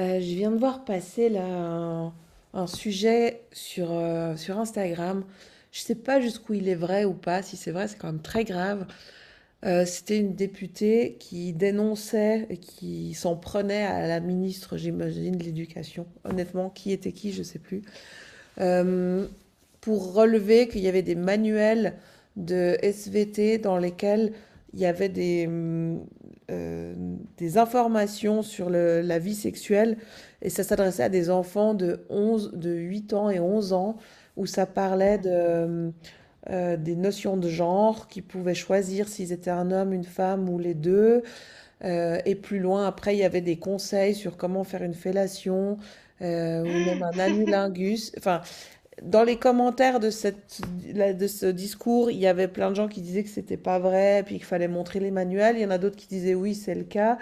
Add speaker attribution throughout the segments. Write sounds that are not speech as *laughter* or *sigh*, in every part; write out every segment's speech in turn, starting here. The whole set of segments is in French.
Speaker 1: Je viens de voir passer là un sujet sur, sur Instagram. Je sais pas jusqu'où il est vrai ou pas. Si c'est vrai, c'est quand même très grave. C'était une députée qui dénonçait et qui s'en prenait à la ministre, j'imagine, de l'Éducation. Honnêtement, qui était qui, je sais plus, euh, pour relever qu'il y avait des manuels de SVT dans lesquels il y avait euh, des informations sur la vie sexuelle, et ça s'adressait à des enfants de 11, de 8 ans et 11 ans, où ça parlait
Speaker 2: Hmm.
Speaker 1: des notions de genre, qu'ils pouvaient choisir s'ils étaient un homme, une femme ou les deux. Et plus loin, après, il y avait des conseils sur comment faire une fellation, ou même un
Speaker 2: *laughs*
Speaker 1: anulingus. Enfin, dans les commentaires de ce discours, il y avait plein de gens qui disaient que c'était pas vrai, puis qu'il fallait montrer les manuels. Il y en a d'autres qui disaient oui, c'est le cas.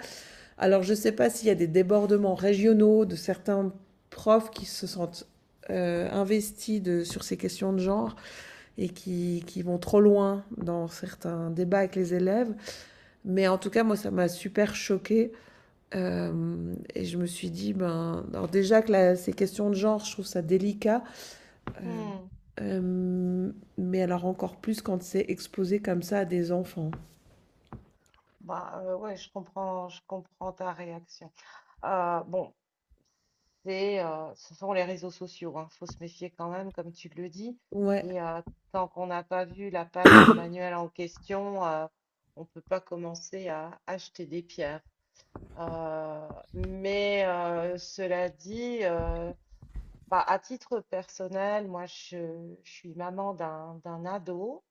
Speaker 1: Alors je sais pas s'il y a des débordements régionaux de certains profs qui se sentent investis sur ces questions de genre, et qui vont trop loin dans certains débats avec les élèves. Mais en tout cas, moi, ça m'a super choquée. Et je me suis dit, ben, alors déjà que ces questions de genre, je trouve ça délicat. Euh,
Speaker 2: Hmm.
Speaker 1: Mais alors encore plus quand c'est exposé comme ça à des enfants.
Speaker 2: Bah ouais, je comprends ta réaction. Bon, ce sont les réseaux sociaux, hein. Faut se méfier quand même, comme tu le dis.
Speaker 1: Ouais,
Speaker 2: Et tant qu'on n'a pas vu la page de manuel en question, on peut pas commencer à acheter des pierres. Mais cela dit, bah, à titre personnel, moi, je suis maman d'un ado.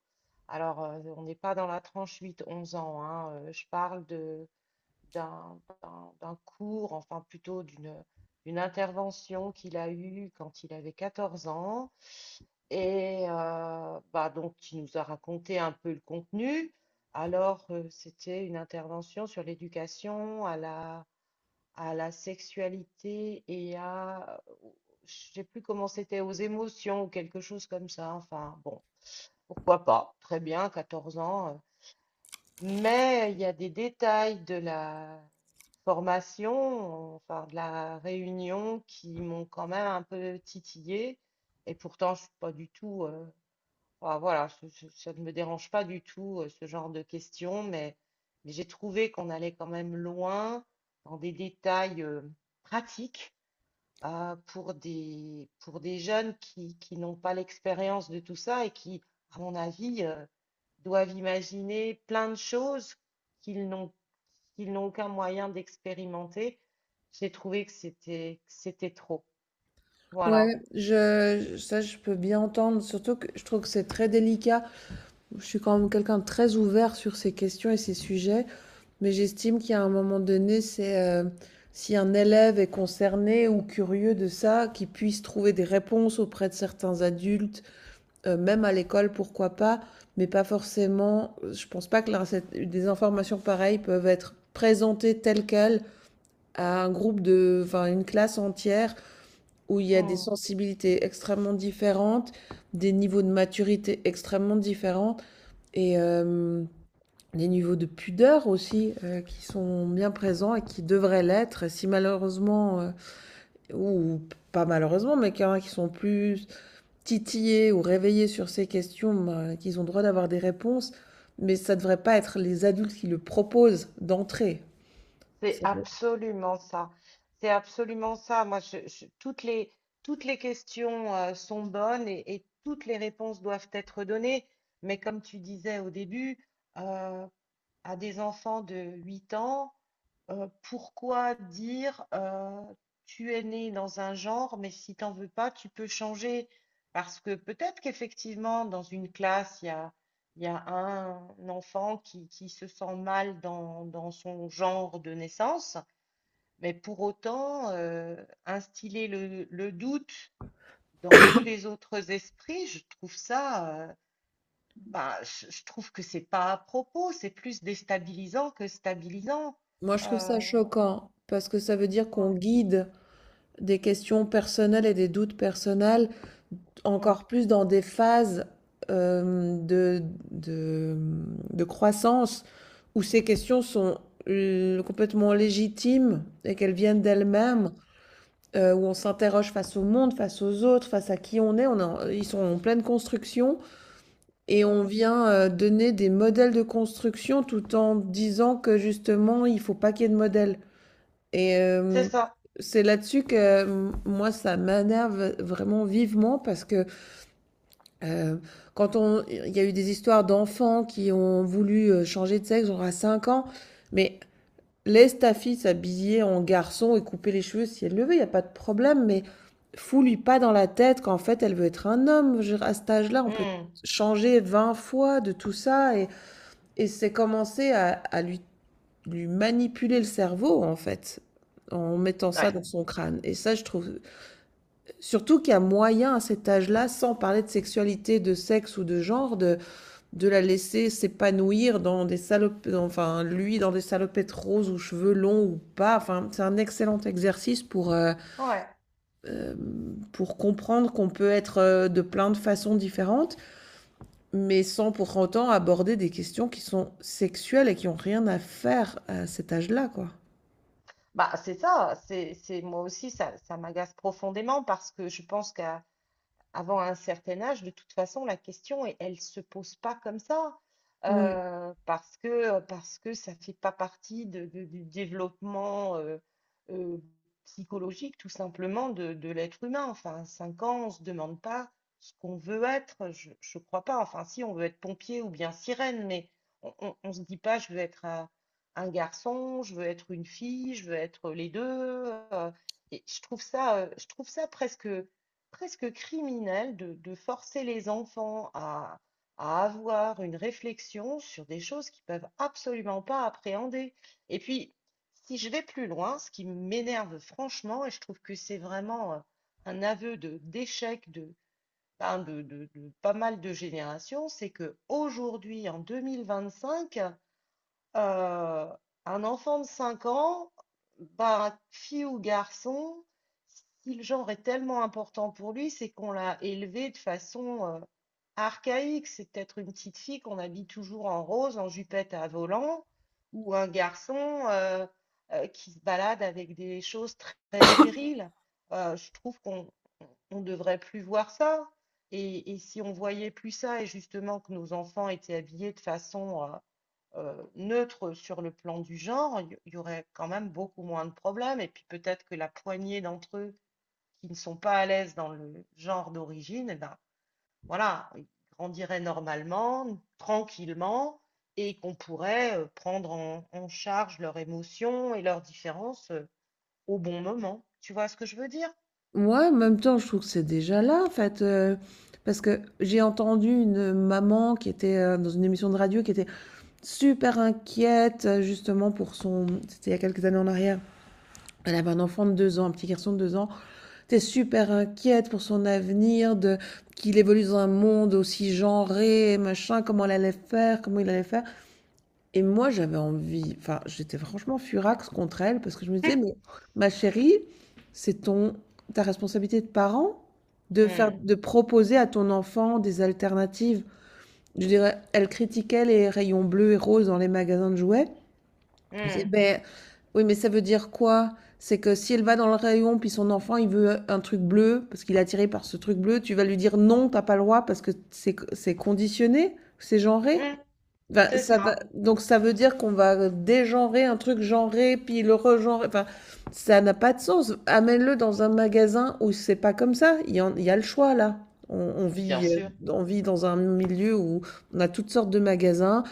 Speaker 2: Alors, on n'est pas dans la tranche 8-11 ans, hein, je parle de, d'un cours, enfin plutôt d'une intervention qu'il a eue quand il avait 14 ans. Et bah, donc, il nous a raconté un peu le contenu. Alors, c'était une intervention sur l'éducation à la sexualité et à, je sais plus comment c'était, aux émotions ou quelque chose comme ça. Enfin, bon. Pourquoi pas? Très bien, 14 ans. Mais il y a des détails de la formation, enfin de la réunion, qui m'ont quand même un peu titillé. Et pourtant, je suis pas du tout. Enfin, voilà, ça ne me dérange pas du tout ce genre de questions, mais j'ai trouvé qu'on allait quand même loin dans des détails pratiques pour pour des jeunes qui n'ont pas l'expérience de tout ça et qui, à mon avis, doivent imaginer plein de choses qu'ils n'ont qu'ils n'ont aucun moyen d'expérimenter. J'ai trouvé que c'était trop. Voilà.
Speaker 1: ouais, ça je peux bien entendre, surtout que je trouve que c'est très délicat. Je suis quand même quelqu'un de très ouvert sur ces questions et ces sujets, mais j'estime qu'il y a un moment donné, c'est, si un élève est concerné ou curieux de ça, qu'il puisse trouver des réponses auprès de certains adultes, même à l'école, pourquoi pas, mais pas forcément. Je pense pas que la cette des informations pareilles peuvent être présentées telles quelles à un groupe de, enfin, une classe entière, où il y a des
Speaker 2: Mm.
Speaker 1: sensibilités extrêmement différentes, des niveaux de maturité extrêmement différents, et des niveaux de pudeur aussi, qui sont bien présents et qui devraient l'être. Si malheureusement, ou pas malheureusement, mais qu'il y en a qui sont plus titillés ou réveillés sur ces questions, ben, qu'ils ont droit d'avoir des réponses, mais ça devrait pas être les adultes qui le proposent d'entrée.
Speaker 2: C'est
Speaker 1: Ça doit
Speaker 2: absolument ça. C'est absolument ça. Moi, toutes les questions sont bonnes et toutes les réponses doivent être données. Mais comme tu disais au début, euh, à des enfants de 8 ans, pourquoi dire tu es né dans un genre, mais si t'en veux pas, tu peux changer. Parce que peut-être qu'effectivement, dans une classe, il y a un enfant qui se sent mal dans son genre de naissance, mais pour autant, instiller le doute dans tous les autres esprits, je trouve ça, bah, je trouve que c'est pas à propos, c'est plus déstabilisant que stabilisant.
Speaker 1: Moi, je trouve ça
Speaker 2: Euh,
Speaker 1: choquant parce que ça veut dire qu'on
Speaker 2: ouais,
Speaker 1: guide des questions personnelles et des doutes personnels,
Speaker 2: mm,
Speaker 1: encore plus dans des phases, euh, de, de, de croissance, où ces questions sont complètement légitimes et qu'elles viennent
Speaker 2: mm,
Speaker 1: d'elles-mêmes, où on s'interroge face au monde, face aux autres, face à qui on est. Ils sont en pleine construction, et on
Speaker 2: mm.
Speaker 1: vient donner des modèles de construction tout en disant que justement, il faut pas qu'il y ait de modèles. Et
Speaker 2: C'est
Speaker 1: hem,
Speaker 2: ça.
Speaker 1: c'est là-dessus que, moi, ça m'énerve vraiment vivement parce que, heu, quand on il y a eu des histoires d'enfants qui ont voulu, changer de sexe, genre à 5 ans. Mais laisse ta fille s'habiller en garçon et couper les cheveux si elle le veut, il y a pas de problème, mais fous-lui pas dans la tête qu'en fait, elle veut être un homme. Je veux dire, à cet âge-là, on peut
Speaker 2: Mm,
Speaker 1: changer 20 fois de tout ça, et c'est commencer à lui manipuler le cerveau, en fait, en mettant ça
Speaker 2: Ouais,
Speaker 1: dans son crâne. Et ça, je trouve, surtout qu'il y a moyen à cet âge-là, sans parler de sexualité, de sexe ou de genre, de la laisser s'épanouir dans des salopes, enfin, lui, dans des salopettes roses ou cheveux longs ou pas. Enfin, c'est un excellent exercice
Speaker 2: ouais.
Speaker 1: pour comprendre qu'on peut être, de plein de façons différentes, mais sans pour autant aborder des questions qui sont sexuelles et qui ont rien à faire à cet âge-là, quoi.
Speaker 2: Bah, c'est ça. Moi aussi, ça m'agace profondément parce que je pense qu'à avant un certain âge, de toute façon, la question, elle ne se pose pas comme ça,
Speaker 1: Ouais.
Speaker 2: parce que ça ne fait pas partie du développement euh, psychologique, tout simplement, de l'être humain. Enfin, à 5 ans, on ne se demande pas ce qu'on veut être, je crois pas. Enfin, si, on veut être pompier ou bien sirène, mais se dit pas, je veux être un garçon, je veux être une fille, je veux être les deux. euh, et je trouve ça presque criminel de forcer les enfants à avoir une réflexion sur des choses qu'ils peuvent absolument pas appréhender. Et puis, si je vais plus loin, ce qui m'énerve franchement, et je trouve que c'est vraiment un aveu de d'échec de, ben, de pas mal de générations, c'est que aujourd'hui, en 2025 euh, un enfant de 5 ans, bah, fille ou garçon, si le genre est tellement important pour lui, c'est qu'on l'a élevé de façon archaïque. C'est peut-être une petite fille qu'on habille toujours en rose, en jupette à volant, ou un garçon euh, qui se balade avec des choses très, très viriles. Je trouve qu'on on devrait plus voir ça. Et si on voyait plus ça, et justement que nos enfants étaient habillés de façon neutre sur le plan du genre, il y aurait quand même beaucoup moins de problèmes. Et puis peut-être que la poignée d'entre eux qui ne sont pas à l'aise dans le genre d'origine, eh ben voilà, ils grandiraient normalement, tranquillement, et qu'on pourrait prendre en charge leurs émotions et leurs différences au bon moment. Tu vois ce que je veux dire?
Speaker 1: Moi, en même temps, je trouve que c'est déjà là, en fait, parce que j'ai entendu une maman qui était, dans une émission de radio, qui était super inquiète, justement pour son c'était il y a quelques années en arrière. Elle avait un enfant de 2 ans, un petit garçon de 2 ans. Elle super inquiète pour son avenir, de qu'il évolue dans un monde aussi genré machin, comment elle allait faire, comment il allait faire. Et moi, j'avais envie, enfin, j'étais franchement furax contre elle, parce que je me disais: «Mais
Speaker 2: *laughs*
Speaker 1: ma chérie, c'est ton ta responsabilité de parent
Speaker 2: Hmm,
Speaker 1: de proposer à ton enfant des alternatives.» Je dirais, elle critiquait les rayons bleus et roses dans les magasins de jouets. Je disais:
Speaker 2: hmm,
Speaker 1: «Beh, oui, mais ça veut dire quoi? C'est que si elle va dans le rayon, puis son enfant, il veut un truc bleu parce qu'il est attiré par ce truc bleu, tu vas lui dire: "Non, t'as pas le droit" parce que c'est conditionné, c'est genré?»
Speaker 2: hmm,
Speaker 1: Enfin,
Speaker 2: c'est
Speaker 1: ça va.
Speaker 2: ça,
Speaker 1: Donc ça veut dire qu'on va dégenrer un truc genré, puis le regenrer. Enfin, ça n'a pas de sens. Amène-le dans un magasin où c'est pas comme ça. Il y a le choix là. On, on
Speaker 2: bien
Speaker 1: vit, euh,
Speaker 2: sûr.
Speaker 1: on vit dans un milieu où on a toutes sortes de magasins.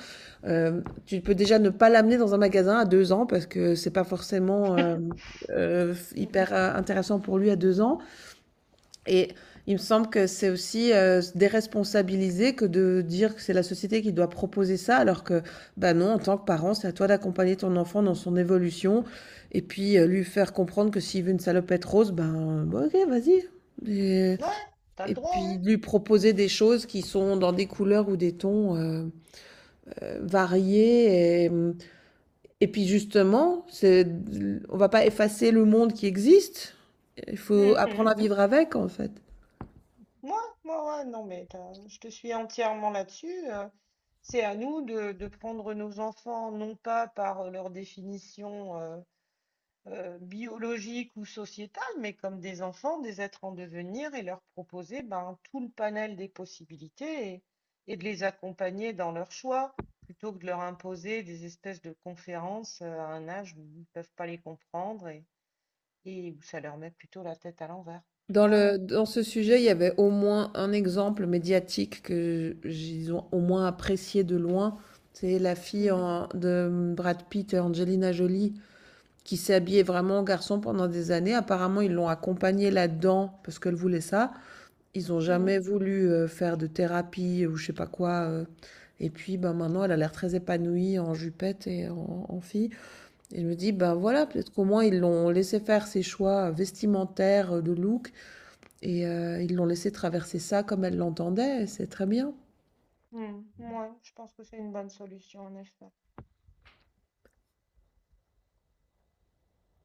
Speaker 1: Tu peux déjà ne pas l'amener dans un magasin à 2 ans, parce que c'est pas forcément,
Speaker 2: *laughs* Hmm.
Speaker 1: hyper, intéressant pour lui à 2 ans. Et il me semble que c'est aussi, déresponsabiliser que de dire que c'est la société qui doit proposer ça, alors que, bah non, en tant que parent, c'est à toi d'accompagner ton enfant dans son évolution, et puis, lui faire comprendre que s'il veut une salopette rose, ben bon, ok, vas-y. Et,
Speaker 2: Ouais, t'as le
Speaker 1: et
Speaker 2: droit, hein?
Speaker 1: puis lui proposer des choses qui sont dans des couleurs ou des tons, variés. Et puis justement, c'est, on va pas effacer le monde qui existe. Il faut
Speaker 2: Hmm,
Speaker 1: apprendre
Speaker 2: hmm.
Speaker 1: à vivre avec, en fait.
Speaker 2: Moi, moi, ouais, non, mais je te suis entièrement là-dessus. C'est à nous de prendre nos enfants, non pas par leur définition biologique ou sociétale, mais comme des enfants, des êtres en devenir, et leur proposer ben, tout le panel des possibilités et de les accompagner dans leurs choix, plutôt que de leur imposer des espèces de conférences à un âge où ils ne peuvent pas les comprendre et où ça leur met plutôt la tête à l'envers. Ouais.
Speaker 1: Dans ce sujet, il y avait au moins un exemple médiatique que j'ai au moins apprécié de loin. C'est la fille
Speaker 2: Mm.
Speaker 1: de Brad Pitt et Angelina Jolie, qui s'est habillée vraiment en garçon pendant des années. Apparemment, ils l'ont accompagnée là-dedans parce qu'elle voulait ça. Ils n'ont jamais
Speaker 2: Mm.
Speaker 1: voulu, faire de thérapie ou je sais pas quoi. Et puis, ben, maintenant, elle a l'air très épanouie en jupette et en fille. Et je me dis, ben voilà, peut-être qu'au moins ils l'ont laissé faire ses choix vestimentaires, de look. Et ils l'ont laissé traverser ça comme elle l'entendait, c'est très bien.
Speaker 2: Hmm, ouais, je pense que c'est une bonne solution, en effet.